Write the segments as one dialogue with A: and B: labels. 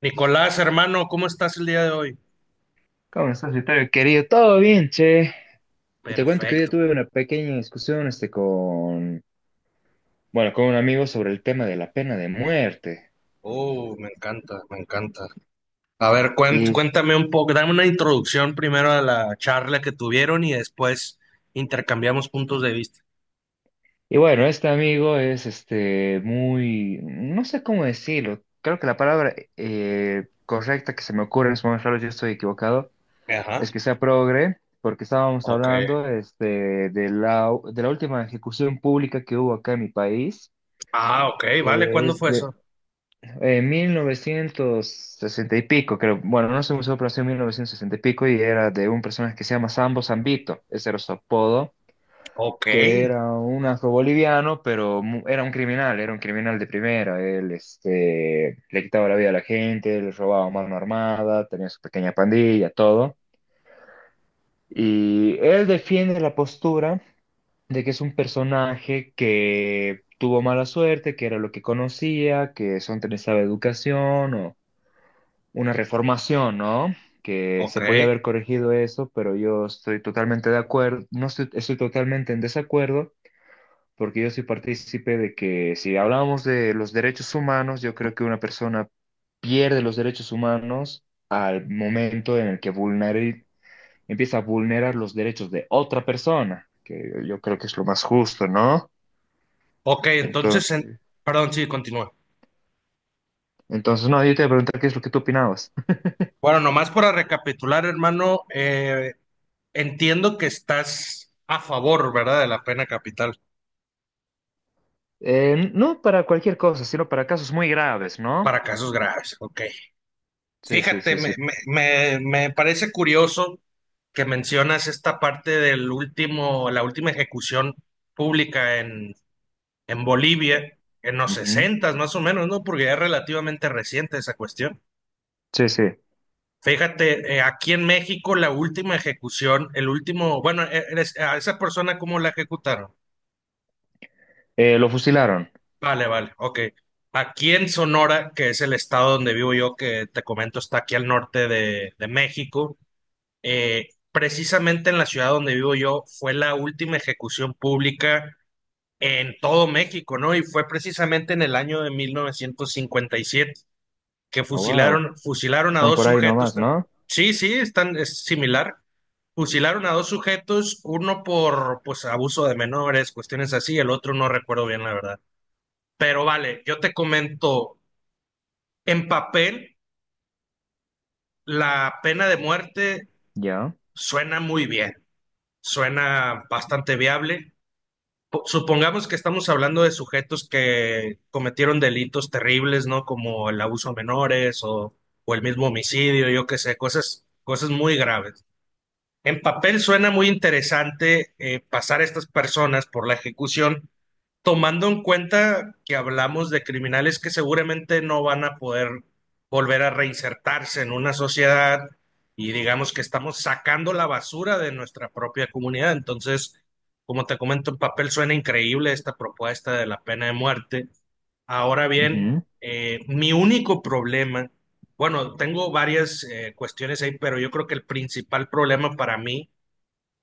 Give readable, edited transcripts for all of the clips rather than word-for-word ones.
A: Nicolás, hermano, ¿cómo estás el día de hoy?
B: ¿Cómo estás, Vittorio, querido? ¿Todo bien, che? Te cuento que hoy día
A: Perfecto.
B: tuve una pequeña discusión con, bueno, con un amigo sobre el tema de la pena de muerte.
A: Oh, me encanta, me encanta. A ver,
B: Y,
A: cuéntame un poco, dame una introducción primero a la charla que tuvieron y después intercambiamos puntos de vista.
B: y bueno, este amigo es muy, no sé cómo decirlo, creo que la palabra correcta que se me ocurre en este momento, claro, yo estoy equivocado,
A: Ajá,
B: es que sea progre, porque estábamos
A: ok.
B: hablando de la última ejecución pública que hubo acá en mi país,
A: Ah, ok, vale,
B: que
A: ¿cuándo
B: es
A: fue
B: de
A: eso?
B: en 1960 y pico, creo. Bueno, no soy muy seguro, pero sí en 1960 y pico, y era de un personaje que se llama Sambo Zambito. Ese era su apodo,
A: Ok,
B: que era un afroboliviano, pero era un criminal de primera. Él, le quitaba la vida a la gente, le robaba mano armada, tenía su pequeña pandilla, todo. Y él defiende la postura de que es un personaje que tuvo mala suerte, que era lo que conocía, que eso no estaba educación o una reformación, ¿no? Que
A: ok,
B: se podía haber corregido eso, pero yo estoy totalmente de acuerdo, no estoy, estoy totalmente en desacuerdo, porque yo soy partícipe de que si hablamos de los derechos humanos, yo creo que una persona pierde los derechos humanos al momento en el que empieza a vulnerar los derechos de otra persona, que yo creo que es lo más justo, ¿no?
A: ok,
B: Entonces,
A: perdón, sí, continúa.
B: entonces, no, yo te voy a preguntar qué es lo que tú opinabas.
A: Bueno, nomás para recapitular, hermano, entiendo que estás a favor, ¿verdad?, de la pena capital
B: No para cualquier cosa, sino para casos muy graves, ¿no?
A: para casos graves, ok.
B: Sí, sí,
A: Fíjate,
B: sí, sí.
A: me parece curioso que mencionas esta parte del último, la última ejecución pública en Bolivia, en los
B: Ujú.
A: sesentas más o menos, ¿no? Porque ya es relativamente reciente esa cuestión.
B: Sí, sí.
A: Fíjate, aquí en México la última ejecución, el último, bueno, a esa persona ¿cómo la ejecutaron?
B: Lo fusilaron.
A: Vale, vale, ok. Aquí en Sonora, que es el estado donde vivo yo, que te comento está aquí al norte de México. Precisamente en la ciudad donde vivo yo fue la última ejecución pública en todo México, ¿no? Y fue precisamente en el año de 1957 que
B: Ah, wow.
A: fusilaron, fusilaron a
B: Están
A: dos
B: por ahí
A: sujetos.
B: nomás,
A: Ta-
B: ¿no?
A: Sí, sí, están, es similar. Fusilaron a dos sujetos, uno por pues abuso de menores, cuestiones así, el otro no recuerdo bien la verdad. Pero vale, yo te comento, en papel la pena de muerte
B: Ya.
A: suena muy bien, suena bastante viable. Po- Supongamos que estamos hablando de sujetos que cometieron delitos terribles, ¿no? Como el abuso a menores o el mismo homicidio, yo qué sé, cosas, cosas muy graves. En papel suena muy interesante pasar a estas personas por la ejecución, tomando en cuenta que hablamos de criminales que seguramente no van a poder volver a reinsertarse en una sociedad y digamos que estamos sacando la basura de nuestra propia comunidad. Entonces, como te comento, en papel suena increíble esta propuesta de la pena de muerte. Ahora bien,
B: Ujú.
A: mi único problema, bueno, tengo varias cuestiones ahí, pero yo creo que el principal problema para mí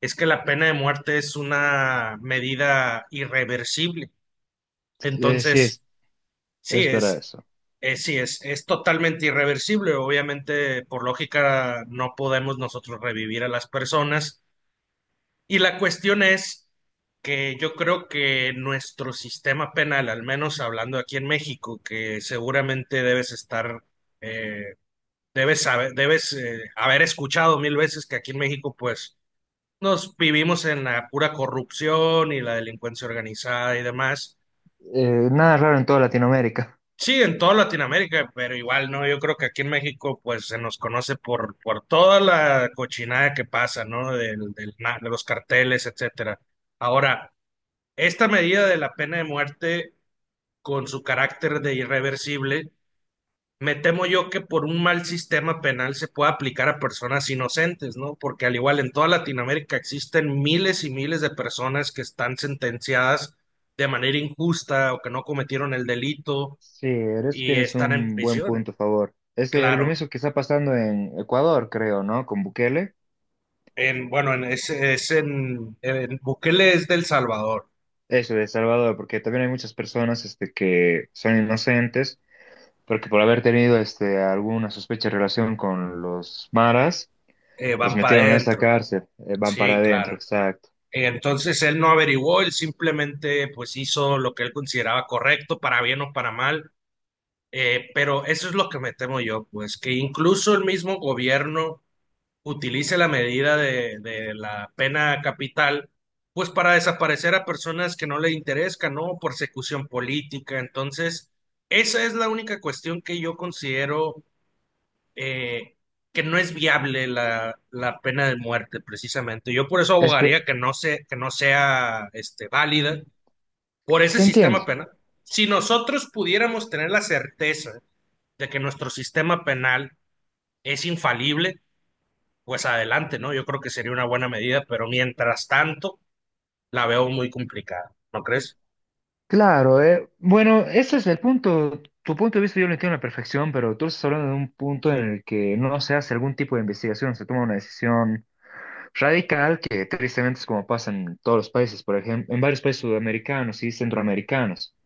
A: es que la pena de muerte es una medida irreversible.
B: Sí,
A: Entonces, sí,
B: es verdad
A: es,
B: eso.
A: sí, es totalmente irreversible. Obviamente, por lógica, no podemos nosotros revivir a las personas. Y la cuestión es que yo creo que nuestro sistema penal, al menos hablando aquí en México, que seguramente debes estar, eh, debes saber, debes haber escuchado mil veces que aquí en México, pues, nos vivimos en la pura corrupción y la delincuencia organizada y demás.
B: Nada raro en toda Latinoamérica.
A: Sí, en toda Latinoamérica, pero igual no, yo creo que aquí en México pues se nos conoce por toda la cochinada que pasa, ¿no? De los carteles, etcétera. Ahora, esta medida de la pena de muerte con su carácter de irreversible, me temo yo que por un mal sistema penal se pueda aplicar a personas inocentes, ¿no? Porque al igual en toda Latinoamérica existen miles y miles de personas que están sentenciadas de manera injusta o que no cometieron el delito
B: Sí, en eso
A: y
B: tienes
A: están en
B: un buen
A: prisión.
B: punto a favor. Es, lo
A: Claro,
B: mismo que está pasando en Ecuador, creo, ¿no? Con Bukele.
A: en, bueno, en, es en Bukele es del Salvador,
B: Eso, de El Salvador, porque también hay muchas personas que son inocentes, porque por haber tenido alguna sospecha en relación con los maras, los
A: van para
B: metieron a esta
A: adentro,
B: cárcel. Van para
A: sí, claro.
B: adentro, exacto.
A: Entonces él no averiguó, él simplemente pues hizo lo que él consideraba correcto, para bien o para mal, pero eso es lo que me temo yo, pues que incluso el mismo gobierno utilice la medida de la pena capital pues para desaparecer a personas que no le interesan, ¿no? Persecución política, entonces... Esa es la única cuestión que yo considero eh, que no es viable la, la pena de muerte, precisamente. Yo por eso
B: Es que
A: abogaría que no se, que no sea este, válida por ese
B: te
A: sistema
B: entiendo.
A: penal. Si nosotros pudiéramos tener la certeza de que nuestro sistema penal es infalible, pues adelante, ¿no? Yo creo que sería una buena medida, pero mientras tanto la veo muy complicada, ¿no crees?
B: Claro, bueno, ese es el punto. Tu punto de vista yo lo entiendo a la perfección, pero tú estás hablando de un punto en el que no se hace algún tipo de investigación, se toma una decisión radical, que tristemente es como pasa en todos los países, por ejemplo, en varios países sudamericanos y centroamericanos.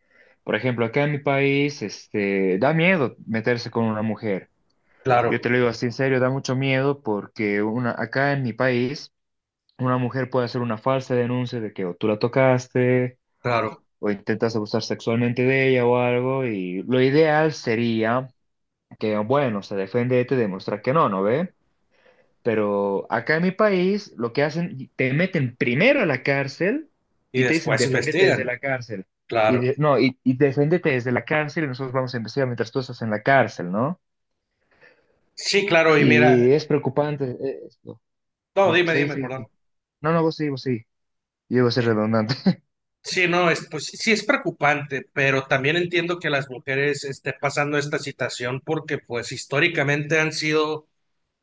B: Por ejemplo, acá en mi país, da miedo meterse con una mujer. Yo
A: Claro,
B: te lo digo así en serio, da mucho miedo porque una, acá en mi país, una mujer puede hacer una falsa denuncia de que o tú la tocaste
A: claro.
B: o intentas abusar sexualmente de ella o algo, y lo ideal sería que, bueno, se defiende y te demuestra que no, ¿no ve? Pero acá en mi país lo que hacen, te meten primero a la cárcel
A: Y
B: y te dicen,
A: después
B: defiéndete
A: investigan,
B: desde
A: ¿no?
B: la cárcel.
A: Claro.
B: No, y defiéndete desde la cárcel y nosotros vamos a investigar mientras tú estás en la cárcel, ¿no?
A: Sí, claro, y mira,
B: Y es preocupante esto.
A: no,
B: Mm,
A: dime,
B: sí,
A: dime,
B: sí.
A: perdón.
B: No, no, vos sí, vos sí. Yo iba a ser redundante.
A: Sí, no, es, pues sí sí es preocupante, pero también entiendo que las mujeres estén pasando esta situación porque pues históricamente han sido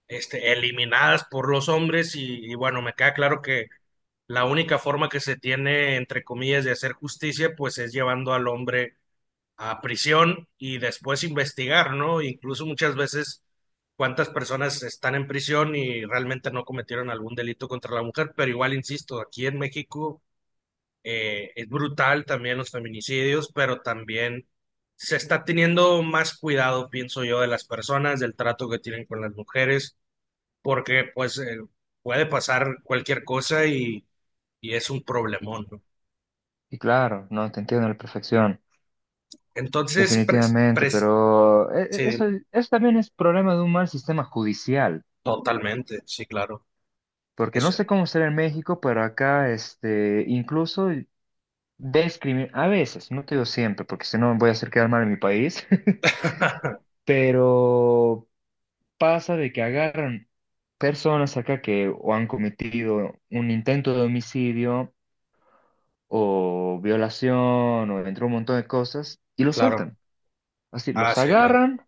A: este, eliminadas por los hombres y, bueno, me queda claro que la única forma que se tiene, entre comillas, de hacer justicia pues es llevando al hombre a prisión y después investigar, ¿no? Incluso muchas veces cuántas personas están en prisión y realmente no cometieron algún delito contra la mujer, pero igual, insisto, aquí en México es brutal también los feminicidios, pero también se está teniendo más cuidado, pienso yo, de las personas, del trato que tienen con las mujeres, porque pues puede pasar cualquier cosa y es un problemón, ¿no?
B: Y claro, no, te entiendo a la perfección.
A: Entonces, pres-
B: Definitivamente,
A: pres-
B: pero
A: sí,
B: eso, eso también es problema de un mal sistema judicial,
A: totalmente, sí, claro.
B: porque no
A: Eso.
B: sé cómo será en México, pero acá incluso discriminan, a veces, no te digo siempre, porque si no voy a hacer quedar mal en mi país, pero pasa de que agarran personas acá que o han cometido un intento de homicidio o violación o entre un montón de cosas y los
A: Claro,
B: sueltan. Así,
A: ah,
B: los
A: sí, claro,
B: agarran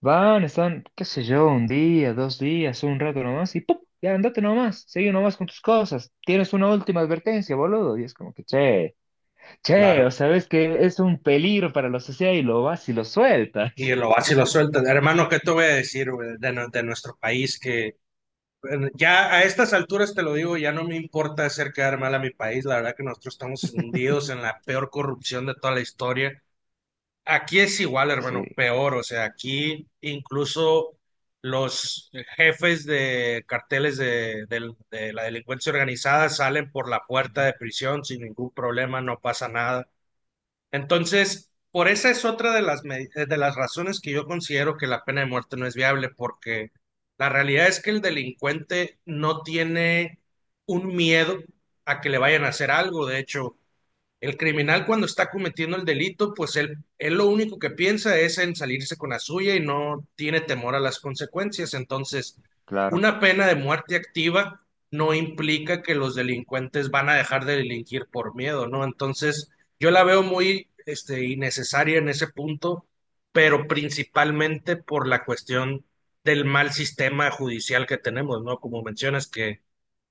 B: van, están, qué sé yo, 1 día, 2 días, un rato nomás y ¡pum! Ya andate nomás, sigue nomás con tus cosas. Tienes una última advertencia, boludo. Y es como que, che, che,
A: claro.
B: o sabes que es un peligro para la sociedad y lo vas y lo sueltas.
A: Y lo vas y lo sueltas. Hermano, ¿qué te voy a decir, güey, de, nu- de nuestro país que... Bueno, ya a estas alturas te lo digo, ya no me importa hacer quedar mal a mi país. La verdad que nosotros estamos hundidos en la peor corrupción de toda la historia. Aquí es igual, hermano,
B: Sí,
A: peor. O sea, aquí incluso los jefes de carteles de la delincuencia organizada salen por la puerta
B: ujú,
A: de prisión sin ningún problema, no pasa nada. Entonces, por esa es otra de las, de las razones que yo considero que la pena de muerte no es viable, porque la realidad es que el delincuente no tiene un miedo a que le vayan a hacer algo. De hecho, el criminal cuando está cometiendo el delito, pues él lo único que piensa es en salirse con la suya y no tiene temor a las consecuencias. Entonces,
B: claro,
A: una pena de muerte activa no implica que los delincuentes van a dejar de delinquir por miedo, ¿no? Entonces, yo la veo muy, este, innecesaria en ese punto, pero principalmente por la cuestión del mal sistema judicial que tenemos, ¿no? Como mencionas que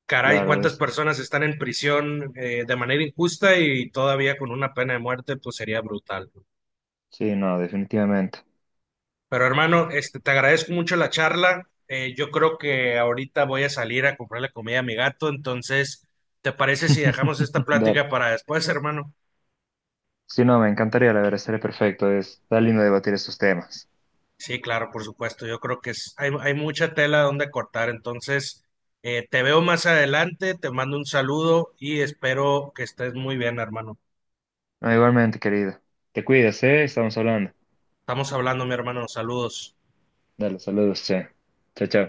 A: caray,
B: claro,
A: cuántas
B: es,
A: personas están en prisión de manera injusta y todavía con una pena de muerte, pues sería brutal. ¿No?
B: sí, no, definitivamente.
A: Pero hermano, este, te agradezco mucho la charla. Yo creo que ahorita voy a salir a comprarle comida a mi gato, entonces, ¿te parece si dejamos esta
B: Dale.
A: plática para después, hermano?
B: Sí, no, me encantaría, la verdad, sería perfecto. Es, está lindo debatir estos temas.
A: Sí, claro, por supuesto. Yo creo que hay, hay mucha tela donde cortar, entonces, te veo más adelante, te mando un saludo y espero que estés muy bien, hermano.
B: No, igualmente, querido. Te cuidas, ¿eh? Estamos hablando.
A: Estamos hablando, mi hermano. Saludos.
B: Dale, saludos, che. Chao, chao.